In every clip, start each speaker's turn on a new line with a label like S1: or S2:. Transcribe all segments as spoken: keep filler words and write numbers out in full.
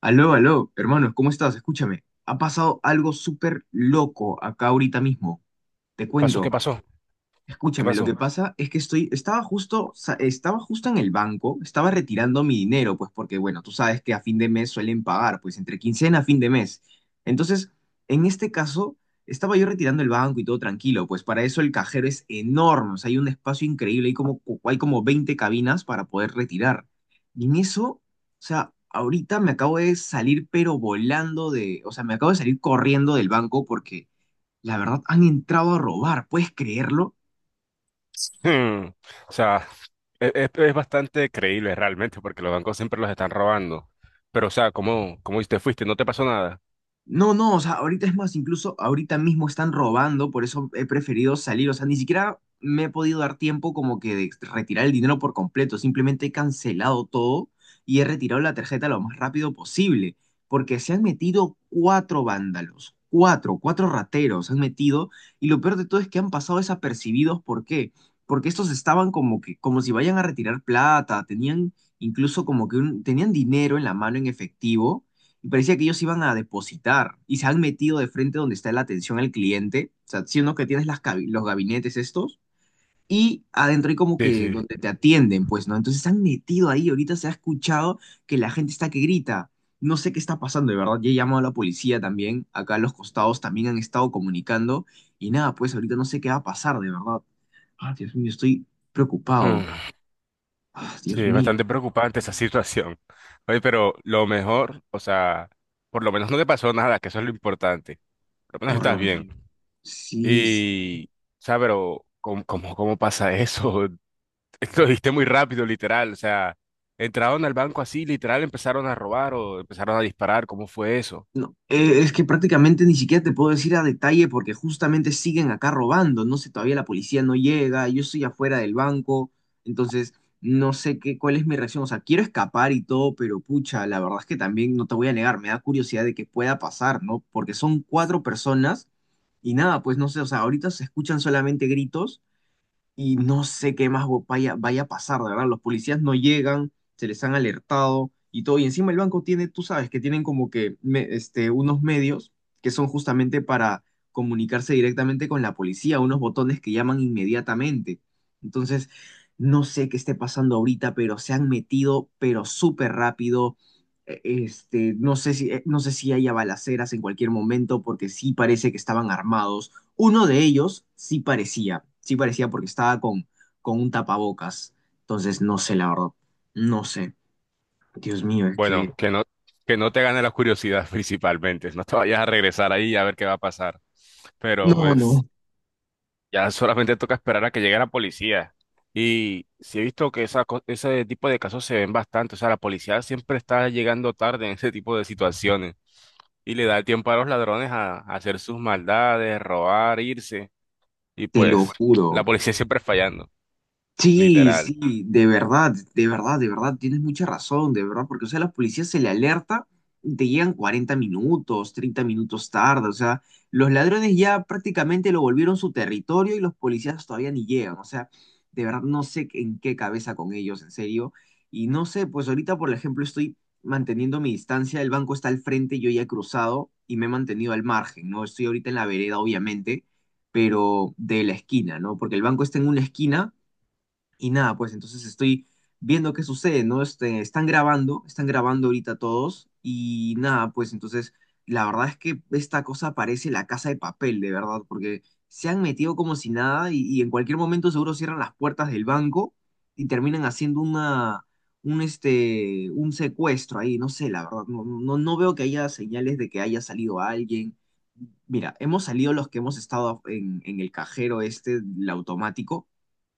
S1: Aló, aló, hermanos, ¿cómo estás? Escúchame, ha pasado algo súper loco acá ahorita mismo. Te
S2: ¿Pasó? ¿Qué
S1: cuento.
S2: pasó? ¿Qué
S1: Escúchame, lo
S2: pasó?
S1: que pasa es que estoy, estaba justo, sa- estaba justo en el banco, estaba retirando mi dinero, pues porque, bueno, tú sabes que a fin de mes suelen pagar, pues entre quincena a fin de mes. Entonces, en este caso, estaba yo retirando el banco y todo tranquilo, pues para eso el cajero es enorme, o sea, hay un espacio increíble, hay como, hay como veinte cabinas para poder retirar. Y en eso, o sea, ahorita me acabo de salir, pero volando de, o sea, me acabo de salir corriendo del banco porque, la verdad, han entrado a robar, ¿puedes creerlo?
S2: Hmm. O sea, e- e- es bastante creíble realmente porque los bancos siempre los están robando. Pero, o sea, ¿cómo, cómo te fuiste? ¿No te pasó nada?
S1: No, no, o sea, ahorita es más, incluso ahorita mismo están robando, por eso he preferido salir, o sea, ni siquiera me he podido dar tiempo como que de retirar el dinero por completo, simplemente he cancelado todo y he retirado la tarjeta lo más rápido posible, porque se han metido cuatro vándalos, cuatro, cuatro rateros se han metido, y lo peor de todo es que han pasado desapercibidos. ¿Por qué? Porque estos estaban como que, como si vayan a retirar plata, tenían incluso como que un- tenían dinero en la mano en efectivo, y parecía que ellos iban a depositar y se han metido de frente donde está la atención al cliente, o sea, siendo que tienes las cabi- los gabinetes estos, y adentro hay como
S2: Sí,
S1: que
S2: sí.
S1: donde te atienden, pues, ¿no? Entonces se han metido ahí, ahorita se ha escuchado que la gente está que grita. No sé qué está pasando, de verdad. Ya he llamado a la policía también. Acá a los costados también han estado comunicando. Y nada, pues ahorita no sé qué va a pasar, de verdad. Ah, Dios mío, estoy preocupado.
S2: Hmm.
S1: Ah,
S2: Sí,
S1: Dios
S2: es
S1: mío,
S2: bastante preocupante esa situación. Oye, pero lo mejor, o sea, por lo menos no te pasó nada, que eso es lo importante. Por lo menos
S1: por
S2: estás
S1: lo
S2: bien.
S1: menos. Sí, sí.
S2: Y, o sea, pero ¿cómo, cómo, cómo pasa eso? Lo diste muy rápido, literal. O sea, entraron al banco así, literal, empezaron a robar o empezaron a disparar. ¿Cómo fue eso?
S1: No, eh, es
S2: S-
S1: que prácticamente ni siquiera te puedo decir a detalle porque justamente siguen acá robando. No sé, todavía la policía no llega, yo estoy afuera del banco, entonces no sé qué, cuál es mi reacción. O sea, quiero escapar y todo, pero pucha, la verdad es que también no te voy a negar, me da curiosidad de qué pueda pasar, ¿no? Porque son cuatro personas. Y nada, pues no sé, o sea, ahorita se escuchan solamente gritos y no sé qué más vaya, vaya a pasar, de verdad. Los policías no llegan, se les han alertado y todo. Y encima el banco tiene, tú sabes, que tienen como que me- este, unos medios que son justamente para comunicarse directamente con la policía, unos botones que llaman inmediatamente. Entonces, no sé qué esté pasando ahorita, pero se han metido, pero súper rápido. Eh, Este, no sé si, eh, no sé si haya balaceras en cualquier momento, porque sí parece que estaban armados. Uno de ellos sí parecía, sí parecía porque estaba con, con un tapabocas. Entonces, no sé, la verdad, no sé. Dios mío, es
S2: Bueno,
S1: que
S2: que no, que no te gane la curiosidad principalmente. No te vayas a regresar ahí a ver qué va a pasar. Pero
S1: no,
S2: pues
S1: no,
S2: ya solamente toca esperar a que llegue la policía. Y sí he visto que esa, co- ese tipo de casos se ven bastante. O sea, la policía siempre está llegando tarde en ese tipo de situaciones. Y le da el tiempo a los ladrones a, a hacer sus maldades, robar, irse. Y
S1: te lo
S2: pues
S1: juro.
S2: la policía siempre fallando,
S1: Sí,
S2: literal.
S1: sí, de verdad, de verdad, de verdad, tienes mucha razón, de verdad, porque, o sea, los policías se le alerta y te llegan cuarenta minutos, treinta minutos tarde, o sea, los ladrones ya prácticamente lo volvieron su territorio y los policías todavía ni llegan, o sea, de verdad no sé en qué cabeza con ellos, en serio, y no sé, pues ahorita, por ejemplo, estoy manteniendo mi distancia, el banco está al frente, yo ya he cruzado y me he mantenido al margen, ¿no? Estoy ahorita en la vereda, obviamente, pero de la esquina, ¿no? Porque el banco está en una esquina y nada, pues entonces estoy viendo qué sucede, ¿no? Este, están grabando, están grabando ahorita todos y nada, pues entonces la verdad es que esta cosa parece la casa de papel, de verdad, porque se han metido como si nada y, y en cualquier momento seguro cierran las puertas del banco y terminan haciendo una, un, este, un secuestro ahí, no sé, la verdad, no, no, no veo que haya señales de que haya salido alguien. Mira, hemos salido los que hemos estado en, en el cajero este, el automático,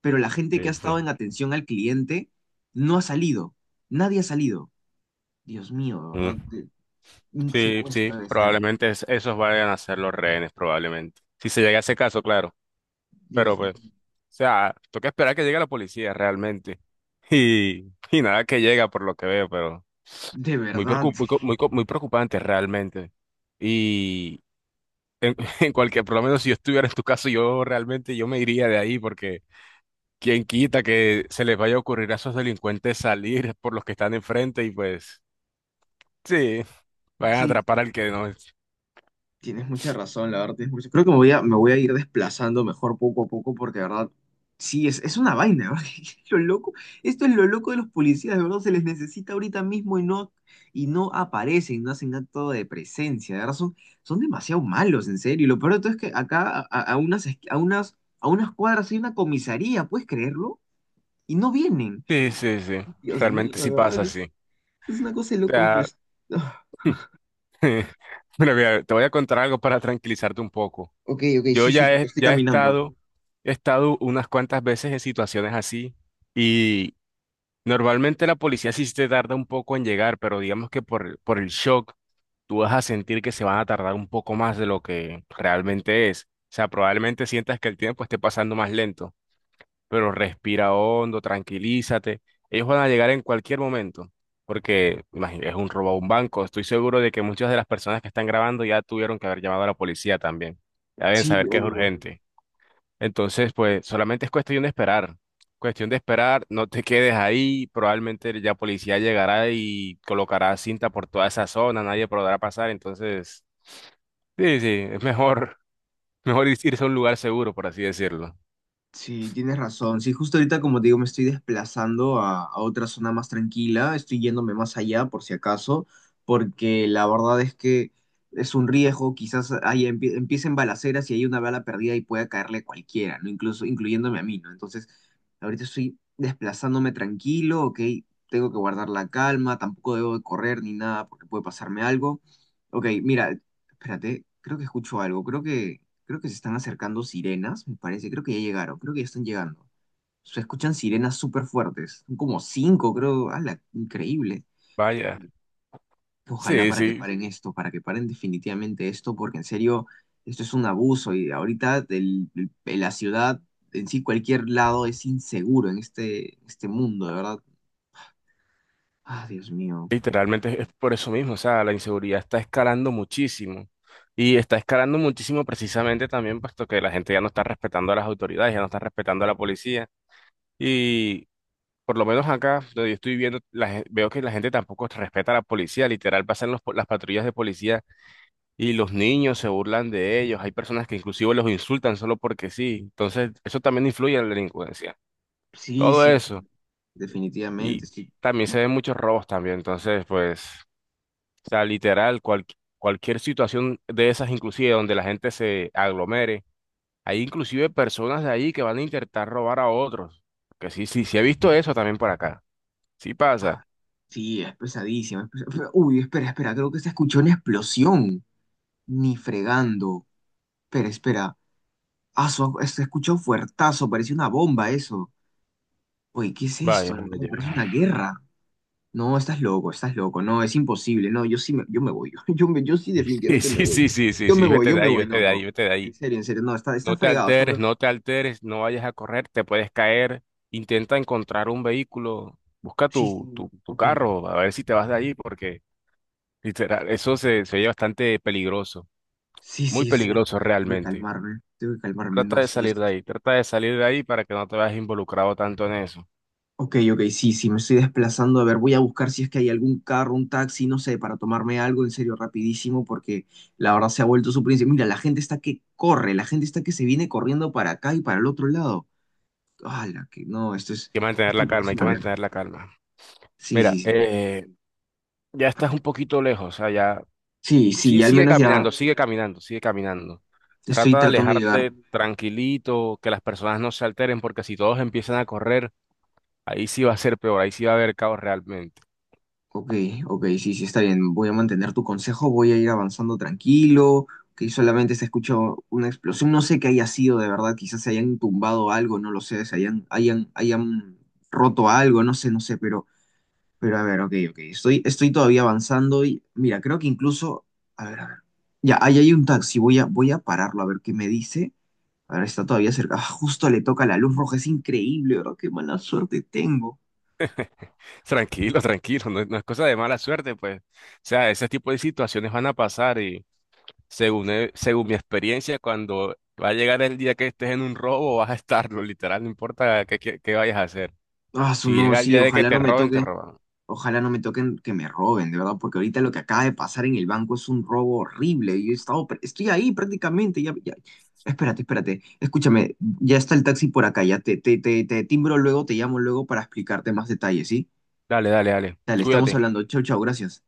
S1: pero la gente que
S2: Sí,
S1: ha
S2: sí.
S1: estado en atención al cliente no ha salido. Nadie ha salido. Dios mío, de verdad,
S2: Mm.
S1: de- un
S2: Sí, sí,
S1: secuestro de ser.
S2: probablemente es- esos vayan a ser los rehenes, probablemente. Si se llega a ese caso, claro. Pero
S1: Dios mío,
S2: pues, o sea, toca esperar que llegue la policía realmente. Y, y nada que llega por lo que veo, pero
S1: de
S2: muy
S1: verdad.
S2: preocup- muy, co- muy, co- muy preocupante realmente. Y en, en cualquier, por lo menos si yo estuviera en tu caso, yo realmente yo me iría de ahí porque ¿quién quita que se les vaya a ocurrir a esos delincuentes salir por los que están enfrente y pues sí, vayan a
S1: Sí,
S2: atrapar al que no es?
S1: tienes mucha razón, la verdad. tienes mucha- Creo que me voy a, me voy a ir desplazando mejor poco a poco porque, de verdad, sí, es, es una vaina, ¿verdad? Es Lo loco, esto es lo loco de los policías, de verdad, se les necesita ahorita mismo y no, y no aparecen, no hacen acto de presencia, de verdad, son, son demasiado malos, en serio. Y lo peor de todo es que acá a, a unas, esqui- a unas, a unas cuadras hay una comisaría, ¿puedes creerlo? Y no vienen.
S2: Sí, sí, sí,
S1: Dios mío,
S2: realmente sí
S1: de verdad,
S2: pasa
S1: que es,
S2: así. O
S1: es una cosa de locos, pero...
S2: sea,
S1: es-
S2: mira, mira, te voy a contar algo para tranquilizarte un poco.
S1: Ok, ok,
S2: Yo
S1: sí, sí,
S2: ya
S1: porque
S2: he,
S1: estoy
S2: ya he
S1: caminando.
S2: estado, he estado unas cuantas veces en situaciones así. Normalmente la policía sí te tarda un poco en llegar, pero digamos que por, el- por el shock tú vas a sentir que se van a tardar un poco más de lo que realmente es. O sea, probablemente sientas que el tiempo esté pasando más lento, pero respira hondo, tranquilízate. Ellos van a llegar en cualquier momento, porque imagínate, es un robo a un banco. Estoy seguro de que muchas de las personas que están grabando ya tuvieron que haber llamado a la policía también. Ya deben
S1: Sí,
S2: saber que es
S1: obvio.
S2: urgente. Entonces, pues solamente es cuestión de esperar. Cuestión de esperar, no te quedes ahí, probablemente ya policía llegará y colocará cinta por toda esa zona, nadie podrá pasar, entonces, sí, sí, es mejor, mejor ir- irse a un lugar seguro, por así decirlo.
S1: Sí, tienes razón. Sí, justo ahorita, como te digo, me estoy desplazando a, a otra zona más tranquila. Estoy yéndome más allá, por si acaso, porque la verdad es que es un riesgo. Quizás ahí empie- empiecen balaceras y hay una bala perdida y pueda caerle a cualquiera, ¿no? Incluso incluyéndome a mí, ¿no? Entonces, ahorita estoy desplazándome tranquilo, ¿ok? Tengo que guardar la calma, tampoco debo de correr ni nada porque puede pasarme algo. Ok, mira, espérate, creo que escucho algo. Creo que Creo que se están acercando sirenas, me parece. Creo que ya llegaron, creo que ya están llegando. Se escuchan sirenas súper fuertes. Son como cinco, creo. ¡Hala! Increíble.
S2: Vaya,
S1: Ojalá
S2: sí,
S1: para que sí,
S2: sí,
S1: paren esto, para que paren definitivamente esto, porque en serio, esto es un abuso. Y ahorita el- el- la ciudad en sí, cualquier lado es inseguro en este, este mundo, de verdad. Ah, Dios mío.
S2: literalmente es por eso mismo, o sea, la inseguridad está escalando muchísimo y está escalando muchísimo precisamente también puesto que la gente ya no está respetando a las autoridades, ya no está respetando a la policía. Y por lo menos acá, donde yo estoy viendo, la gen- veo que la gente tampoco respeta a la policía. Literal, pasan los po- las patrullas de policía y los niños se burlan de ellos. Hay personas que inclusive los insultan solo porque sí. Entonces, eso también influye en la delincuencia.
S1: Sí,
S2: Todo
S1: sí,
S2: eso.
S1: definitivamente.
S2: Y
S1: Sí,
S2: también se ven muchos robos también. Entonces, pues, o sea, literal, cual- cualquier situación de esas, inclusive donde la gente se aglomere. Hay inclusive personas de ahí que van a intentar robar a otros. Que sí, sí, sí he visto eso también por acá. Sí pasa.
S1: ah, sí es pesadísimo. es pesa- Uy, espera, espera, creo que se escuchó una explosión. Ni fregando. Pero espera. Ah, su, se escucha un fuertazo. Parece una bomba eso. Oye, ¿qué es
S2: Vaya,
S1: esto de verdad?
S2: vaya.
S1: Parece una guerra. No, estás loco, estás loco. No, es imposible. No, yo sí me, yo me voy. Yo, me, yo sí
S2: Sí,
S1: definitivamente me
S2: sí,
S1: voy.
S2: sí, sí, sí,
S1: Yo me
S2: sí,
S1: voy,
S2: vete
S1: yo
S2: de
S1: me
S2: ahí,
S1: voy.
S2: vete
S1: No,
S2: de ahí,
S1: no.
S2: vete de
S1: En
S2: ahí.
S1: serio, en serio. No, está, está
S2: No te
S1: fregado. Está
S2: alteres,
S1: fregado.
S2: no te alteres, no vayas a correr, te puedes caer. Intenta encontrar un vehículo, busca
S1: Sí,
S2: tu,
S1: sí.
S2: tu, tu
S1: Ok.
S2: carro, a ver si te vas de ahí, porque literal, eso se, se oye bastante peligroso,
S1: Sí,
S2: muy
S1: sí, sí.
S2: peligroso
S1: Tengo que
S2: realmente.
S1: calmarme. Tengo que calmarme.
S2: Trata
S1: No,
S2: de
S1: sí.
S2: salir de ahí, trata de salir de ahí para que no te veas involucrado tanto en eso. Hay
S1: Ok, ok, sí, sí, me estoy desplazando. A ver, voy a buscar si es que hay algún carro, un taxi, no sé, para tomarme algo en serio rapidísimo, porque la verdad se ha vuelto su príncipe. Mira, la gente está que corre, la gente está que se viene corriendo para acá y para el otro lado. ¡Hala! Que no, esto es,
S2: que mantener la
S1: esto
S2: calma,
S1: parece
S2: hay que
S1: una guerra.
S2: mantener la calma.
S1: Sí, sí,
S2: Mira,
S1: sí.
S2: eh, ya estás un poquito lejos, o sea ya.
S1: Sí, sí,
S2: Sí,
S1: ya al
S2: sigue
S1: menos ya
S2: caminando, sigue caminando, sigue caminando.
S1: estoy
S2: Trata de
S1: tratando de
S2: alejarte
S1: llegar.
S2: tranquilito, que las personas no se alteren, porque si todos empiezan a correr, ahí sí va a ser peor, ahí sí va a haber caos realmente.
S1: Ok, ok, sí, sí, está bien. Voy a mantener tu consejo, voy a ir avanzando tranquilo, que solamente se escuchó una explosión. No sé qué haya sido de verdad, quizás se hayan tumbado algo, no lo sé, se hayan, hayan, hayan roto algo, no sé, no sé, pero, pero a ver, ok, ok. Estoy, estoy todavía avanzando y mira, creo que incluso, a ver, a ver. Ya, ahí hay un taxi, voy a, voy a pararlo a ver qué me dice. A ver, está todavía cerca. Ah, justo le toca la luz roja, es increíble, ¿verdad? Qué mala suerte tengo.
S2: Tranquilo, tranquilo, no, es no es cosa de mala suerte, pues. O sea, ese tipo de situaciones van a pasar y según, he- según mi experiencia, cuando va a llegar el día que estés en un robo, vas a estarlo, literal, no importa qué, qué qué vayas a hacer.
S1: Ah, su
S2: Si
S1: no,
S2: llega el
S1: sí,
S2: día de que
S1: ojalá
S2: te
S1: no me
S2: roben, te
S1: toque.
S2: roban.
S1: Ojalá no me toquen que me roben, de verdad, porque ahorita lo que acaba de pasar en el banco es un robo horrible. Yo he estado, pr- estoy ahí prácticamente, ya, ya. Espérate, espérate, escúchame, ya está el taxi por acá, ya te, te, te, te timbro luego, te llamo luego para explicarte más detalles, ¿sí?
S2: Dale, dale, dale.
S1: Dale, estamos
S2: Cuídate.
S1: hablando. Chau, chau, gracias.